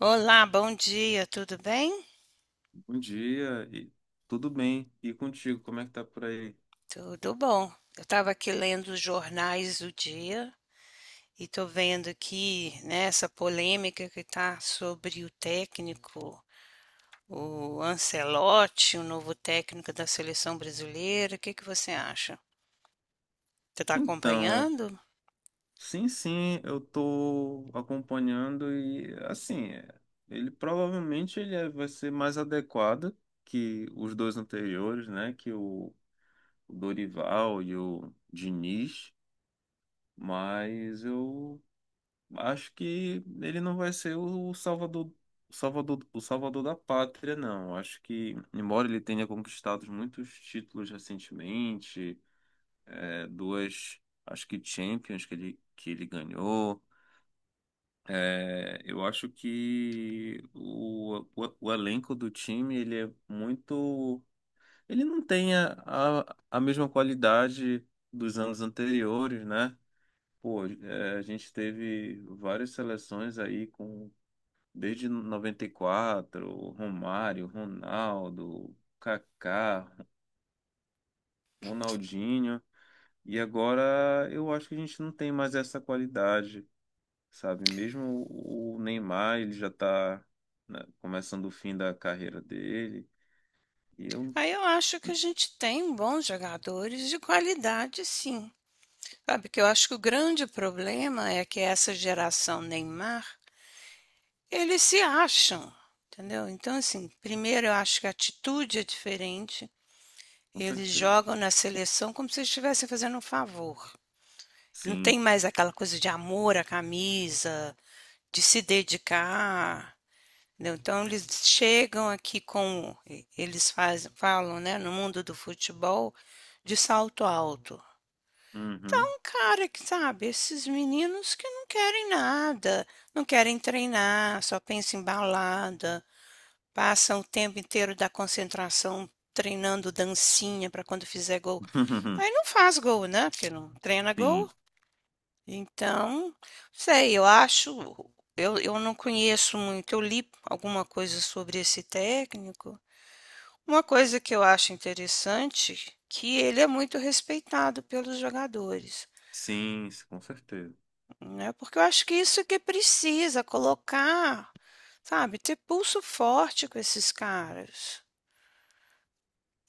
Olá, bom dia, tudo bem? Bom dia, e tudo bem? E contigo, como é que tá por aí? Tudo bom. Eu estava aqui lendo os jornais do dia e estou vendo aqui, né, essa polêmica que está sobre o técnico, o Ancelotti, o novo técnico da seleção brasileira. O que que você acha? Você está Então, acompanhando? sim, sim, eu tô acompanhando e assim, ele provavelmente ele é- vai ser mais adequado que os dois anteriores, né? O Dorival e o Diniz, mas eu acho que ele não vai ser o salvador, salvador, o salvador da pátria, não. Acho que, embora ele tenha conquistado muitos títulos recentemente duas, acho que Champions que ele ganhou. É, eu acho que o elenco do time ele é muito. Ele não tem a mesma qualidade dos anos anteriores, né? Pô, é, a gente teve várias seleções aí com desde 94 Romário, Ronaldo, Kaká, Ronaldinho. E agora eu acho que a gente não tem mais essa qualidade, sabe? Mesmo o Neymar, ele já tá, né, começando o fim da carreira dele. E eu, Aí eu acho que a gente tem bons jogadores de qualidade, sim. Sabe que eu acho que o grande problema é que essa geração Neymar, eles se acham, entendeu? Então, assim, primeiro eu acho que a atitude é diferente. com Eles certeza. jogam na seleção como se estivessem fazendo um favor. Não tem Sim. mais aquela coisa de amor à camisa, de se dedicar, entendeu? Então eles chegam aqui com. Eles fazem, falam, né, no mundo do futebol, de salto alto. Uhum. Então, cara, que sabe, esses meninos que não querem nada, não querem treinar, só pensam em balada, passa o tempo inteiro da concentração treinando dancinha para quando fizer gol. Aí não faz gol, né, porque não treina gol. Sim. Então, sei, eu acho, eu não conheço muito, eu li alguma coisa sobre esse técnico. Uma coisa que eu acho interessante, que ele é muito respeitado pelos jogadores, Sim, com certeza. né, porque eu acho que isso que precisa, colocar, sabe, ter pulso forte com esses caras.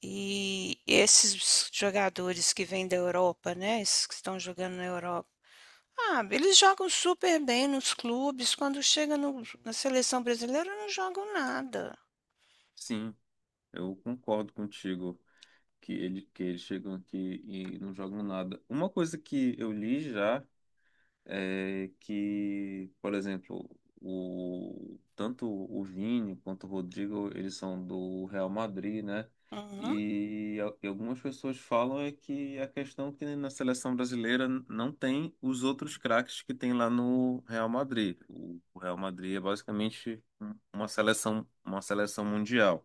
E esses jogadores que vêm da Europa, né? Esses que estão jogando na Europa. Ah, eles jogam super bem nos clubes, quando chega na seleção brasileira não jogam nada. Sim, eu concordo contigo que eles chegam aqui e não jogam nada. Uma coisa que eu li já é que, por exemplo, tanto o Vini quanto o Rodrigo, eles são do Real Madrid, né? Uhum. E algumas pessoas falam é que a questão é que na seleção brasileira não tem os outros craques que tem lá no Real Madrid. O Real Madrid é basicamente uma seleção mundial.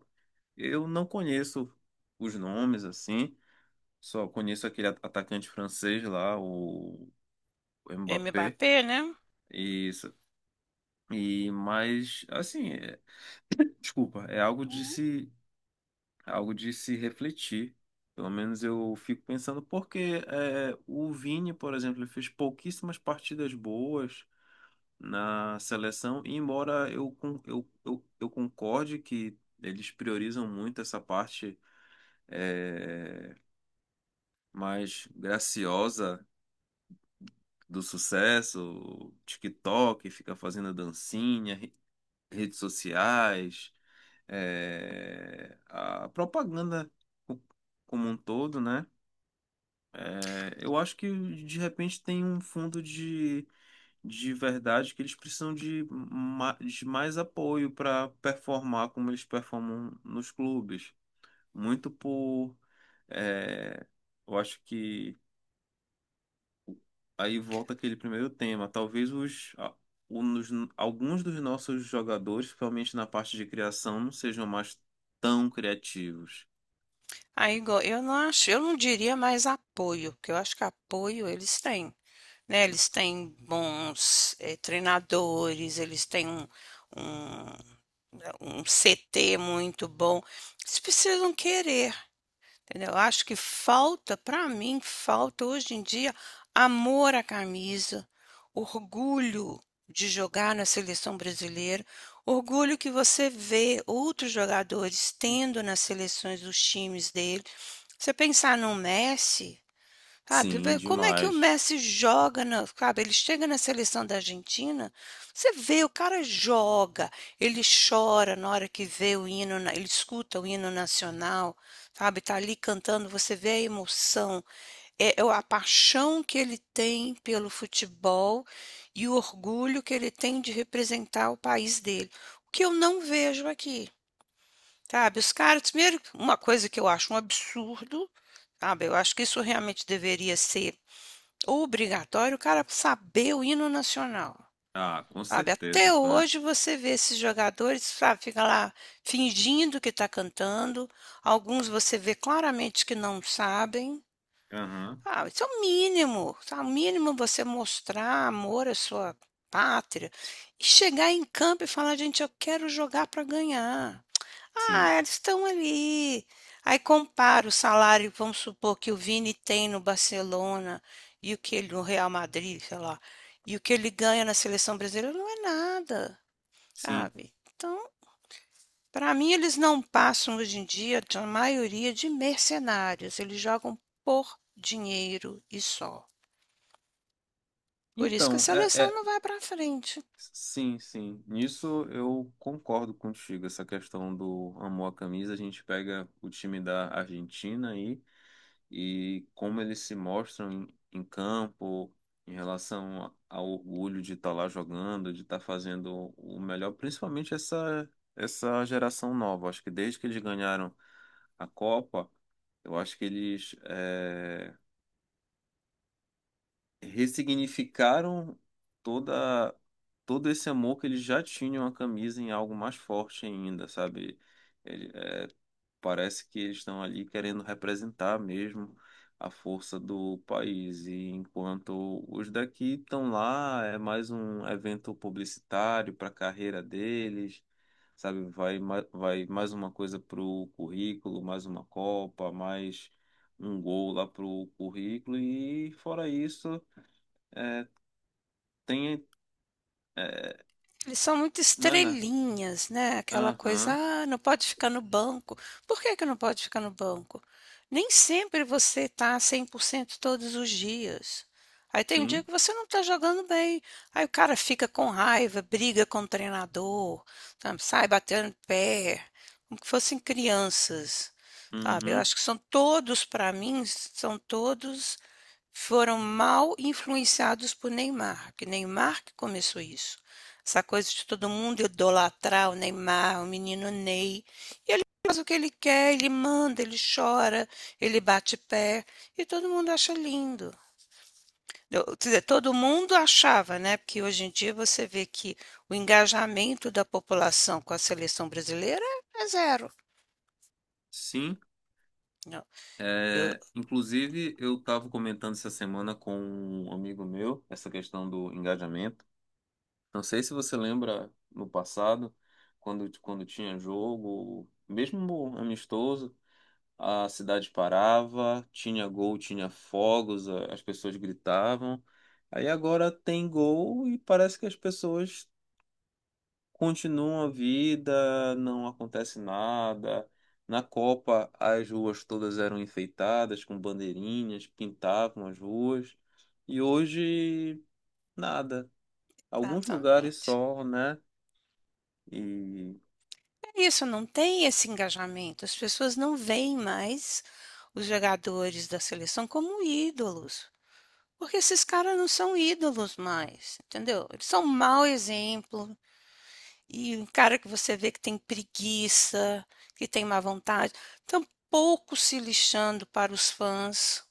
Eu não conheço os nomes assim, só conheço aquele atacante francês lá, o Mbappé. Mbappé, né? E e mas assim, é- Desculpa, Uhum. Algo de se refletir. Pelo menos eu fico pensando porque é, o Vini, por exemplo, ele fez pouquíssimas partidas boas na seleção, e embora eu concorde que eles priorizam muito essa parte, é, mais graciosa do sucesso, TikTok, fica fazendo dancinha, redes sociais, é, a propaganda co- como um todo, né? É, eu acho que de repente tem um fundo de verdade que eles precisam de mais apoio para performar como eles performam nos clubes. Muito por. É, eu acho que aí volta aquele primeiro tema. Talvez o- alguns dos nossos jogadores, principalmente na parte de criação, não sejam mais tão criativos. Aí, igual, eu não acho, eu não diria mais apoio, porque eu acho que apoio eles têm, né? Eles têm bons treinadores, eles têm um, um um CT muito bom. Eles precisam querer, entendeu? Acho que falta, para mim, falta hoje em dia amor à camisa, orgulho de jogar na seleção brasileira, orgulho que você vê outros jogadores tendo nas seleções dos times dele. Você pensar no Messi. Sabe, Sim, vê como é que o demais. Messi joga na, sabe, ele chega na seleção da Argentina, você vê, o cara joga, ele chora na hora que vê o hino, ele escuta o hino nacional, sabe, tá ali cantando, você vê a emoção, é, é a paixão que ele tem pelo futebol e o orgulho que ele tem de representar o país dele, o que eu não vejo aqui, sabe, os caras, primeiro, uma coisa que eu acho um absurdo, sabe, eu acho que isso realmente deveria ser obrigatório, o cara saber o hino nacional, Ah, com sabe. Até certeza, pô, né? hoje você vê esses jogadores, sabe, fica lá fingindo que está cantando, alguns você vê claramente que não sabem. Aham, Ah, isso é o mínimo, sabe, o mínimo você mostrar amor à sua pátria e chegar em campo e falar: "Gente, eu quero jogar para ganhar". sim, Ah, eles estão ali. Aí compara o salário, vamos supor, que o Vini tem no Barcelona e o que ele no Real Madrid, sei lá, e o que ele ganha na seleção brasileira não é nada, sim. sabe? Então, para mim, eles não passam hoje em dia, a maioria, de mercenários. Eles jogam por dinheiro e só. Por isso que a Então, é, seleção é- não vai para frente. Sim, sim. Nisso eu concordo contigo. Essa questão do amor à camisa, a gente pega o time da Argentina aí e como eles se mostram em, em campo, em relação ao orgulho de estar lá jogando, de estar fazendo o melhor, principalmente essa, essa geração nova. Acho que desde que eles ganharam a Copa, eu acho que eles, eh, ressignificaram toda todo esse amor que eles já tinham à camisa em algo mais forte ainda, sabe? Ele- é, Parece que eles estão ali querendo representar mesmo a força do país, e enquanto os daqui estão lá, é mais um evento publicitário para a carreira deles. Sabe, vai mais uma coisa pro currículo, mais uma Copa, mais um gol lá pro currículo, e fora isso, é, tem. É, Eles são muito não é na. estrelinhas, né, aquela coisa: Aham, "Ah, não pode ficar no banco". Por que que não pode ficar no banco? Nem sempre você tá 100% todos os dias. Aí tem um dia sim. que você não tá jogando bem, aí o cara fica com raiva, briga com o treinador, sabe, sai batendo pé, como que fossem crianças, sabe. Eu Uhum, acho que são todos, para mim, são todos, foram mal influenciados por Neymar, porque Neymar que começou isso. Essa coisa de todo mundo idolatrar o Neymar, o menino Ney. E ele faz o que ele quer, ele manda, ele chora, ele bate pé. E todo mundo acha lindo. Quer dizer, todo mundo achava, né? Porque hoje em dia você vê que o engajamento da população com a seleção brasileira é zero. sim. Não, eu- É, inclusive, eu estava comentando essa semana com um amigo meu essa questão do engajamento. Não sei se você lembra no passado, quando tinha jogo, mesmo amistoso, a cidade parava, tinha gol, tinha fogos, as pessoas gritavam. Aí agora tem gol e parece que as pessoas continua a vida, não acontece nada. Na Copa, as ruas todas eram enfeitadas com bandeirinhas, pintavam as ruas. E hoje, nada. Alguns lugares exatamente. só, né? E. É isso, não tem esse engajamento. As pessoas não veem mais os jogadores da seleção como ídolos. Porque esses caras não são ídolos mais, entendeu? Eles são um mau exemplo. E um cara que você vê que tem preguiça, que tem má vontade, tão pouco se lixando para os fãs,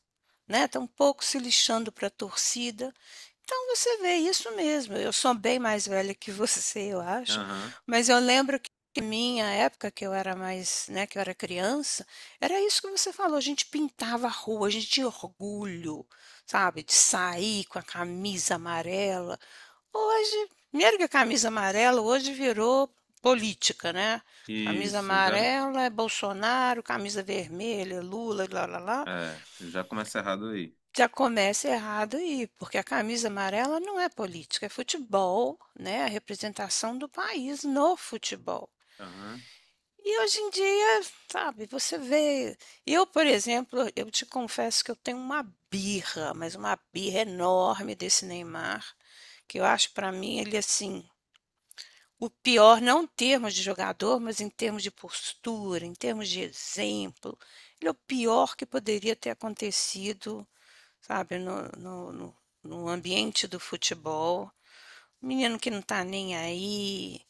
né? Tão pouco se lixando para a torcida. Então você vê, isso mesmo. Eu sou bem mais velha que você, eu acho, Aham. mas eu lembro que na minha época, que eu era mais, né, que eu era criança, era isso que você falou, a gente pintava a rua, a gente tinha orgulho, sabe, de sair com a camisa amarela. Hoje, primeiro que a camisa amarela hoje virou política, né? Camisa Isso, já. amarela é Bolsonaro, camisa vermelha é Lula, lá, lá, lá. É, já começa errado aí. Já começa errado aí, porque a camisa amarela não é política, é futebol, né? A representação do país no futebol. Aham. E hoje em dia, sabe, você vê. Eu, por exemplo, eu te confesso que eu tenho uma birra, mas uma birra enorme desse Neymar, que eu acho, para mim ele assim, o pior não em termos de jogador, mas em termos de postura, em termos de exemplo. Ele é o pior que poderia ter acontecido, sabe, no ambiente do futebol. Um menino que não tá nem aí,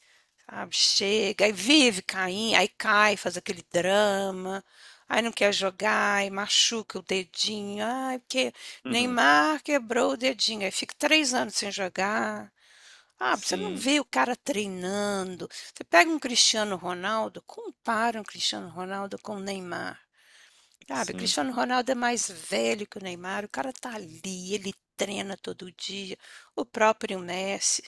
sabe, chega e vive caindo, aí cai, faz aquele drama, aí não quer jogar, aí machuca o dedinho, ai, porque Uhum. Neymar quebrou o dedinho, aí fica três anos sem jogar. Ah, você não Sim, vê o cara treinando. Você pega um Cristiano Ronaldo, compara um Cristiano Ronaldo com o Neymar. Sabe, o sim. Cristiano Ronaldo é mais velho que o Neymar, o cara tá ali, ele treina todo dia, o próprio Messi.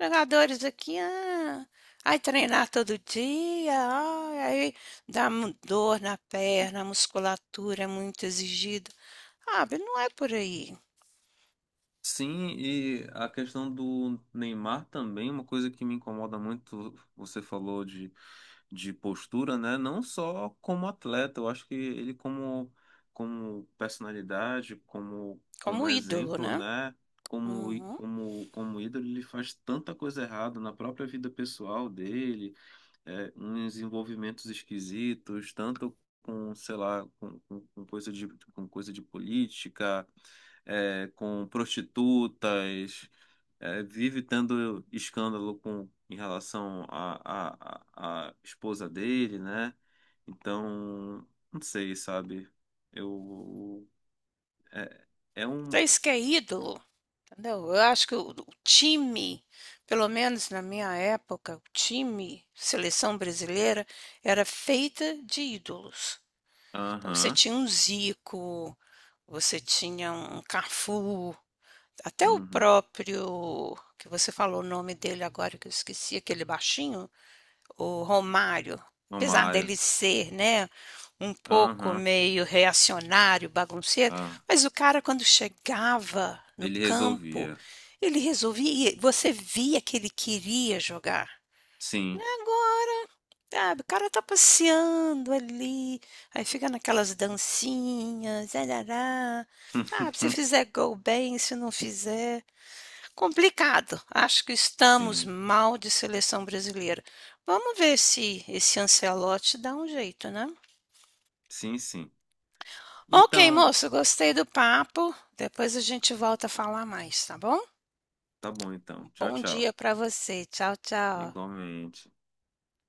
Jogadores aqui, ah, aí treinar todo dia, ai, aí dá dor na perna, a musculatura é muito exigida. Sabe, não é por aí. Sim, e a questão do Neymar também, uma coisa que me incomoda muito, você falou de postura, né? Não só como atleta, eu acho que ele como, como personalidade, como, como Como ídolo, exemplo, né? né? Uhum. Como ídolo, ele faz tanta coisa errada na própria vida pessoal dele, é, uns envolvimentos esquisitos, tanto com, sei lá, com coisa de política, é, com prostitutas, é, vive tendo escândalo com, em relação à esposa dele, né? Então, não sei, sabe? Eu. É, é um. Vocês que é ídolo? Entendeu? Eu acho que o time, pelo menos na minha época, o time, seleção brasileira, era feita de ídolos. Então você Aham. tinha um Zico, você tinha um Cafu, até o Uhum. próprio, que você falou o nome dele agora que eu esqueci, aquele baixinho, o Romário, O apesar Mário. dele ser, né, um pouco Aham. meio reacionário, bagunceiro, Ah, mas o cara quando chegava no ele campo, resolvia. ele resolvia, você via que ele queria jogar. Sim. Agora, sabe, o cara tá passeando ali, aí fica naquelas dancinhas, arará. Ah, se fizer gol bem, se não fizer. Complicado. Acho que estamos Sim. mal de seleção brasileira. Vamos ver se esse Ancelotti dá um jeito, né? Sim, sim. Ok, Então, moço, gostei do papo. Depois a gente volta a falar mais, tá bom? tá bom então. Tchau, Bom dia tchau. para você. Tchau, tchau. Igualmente.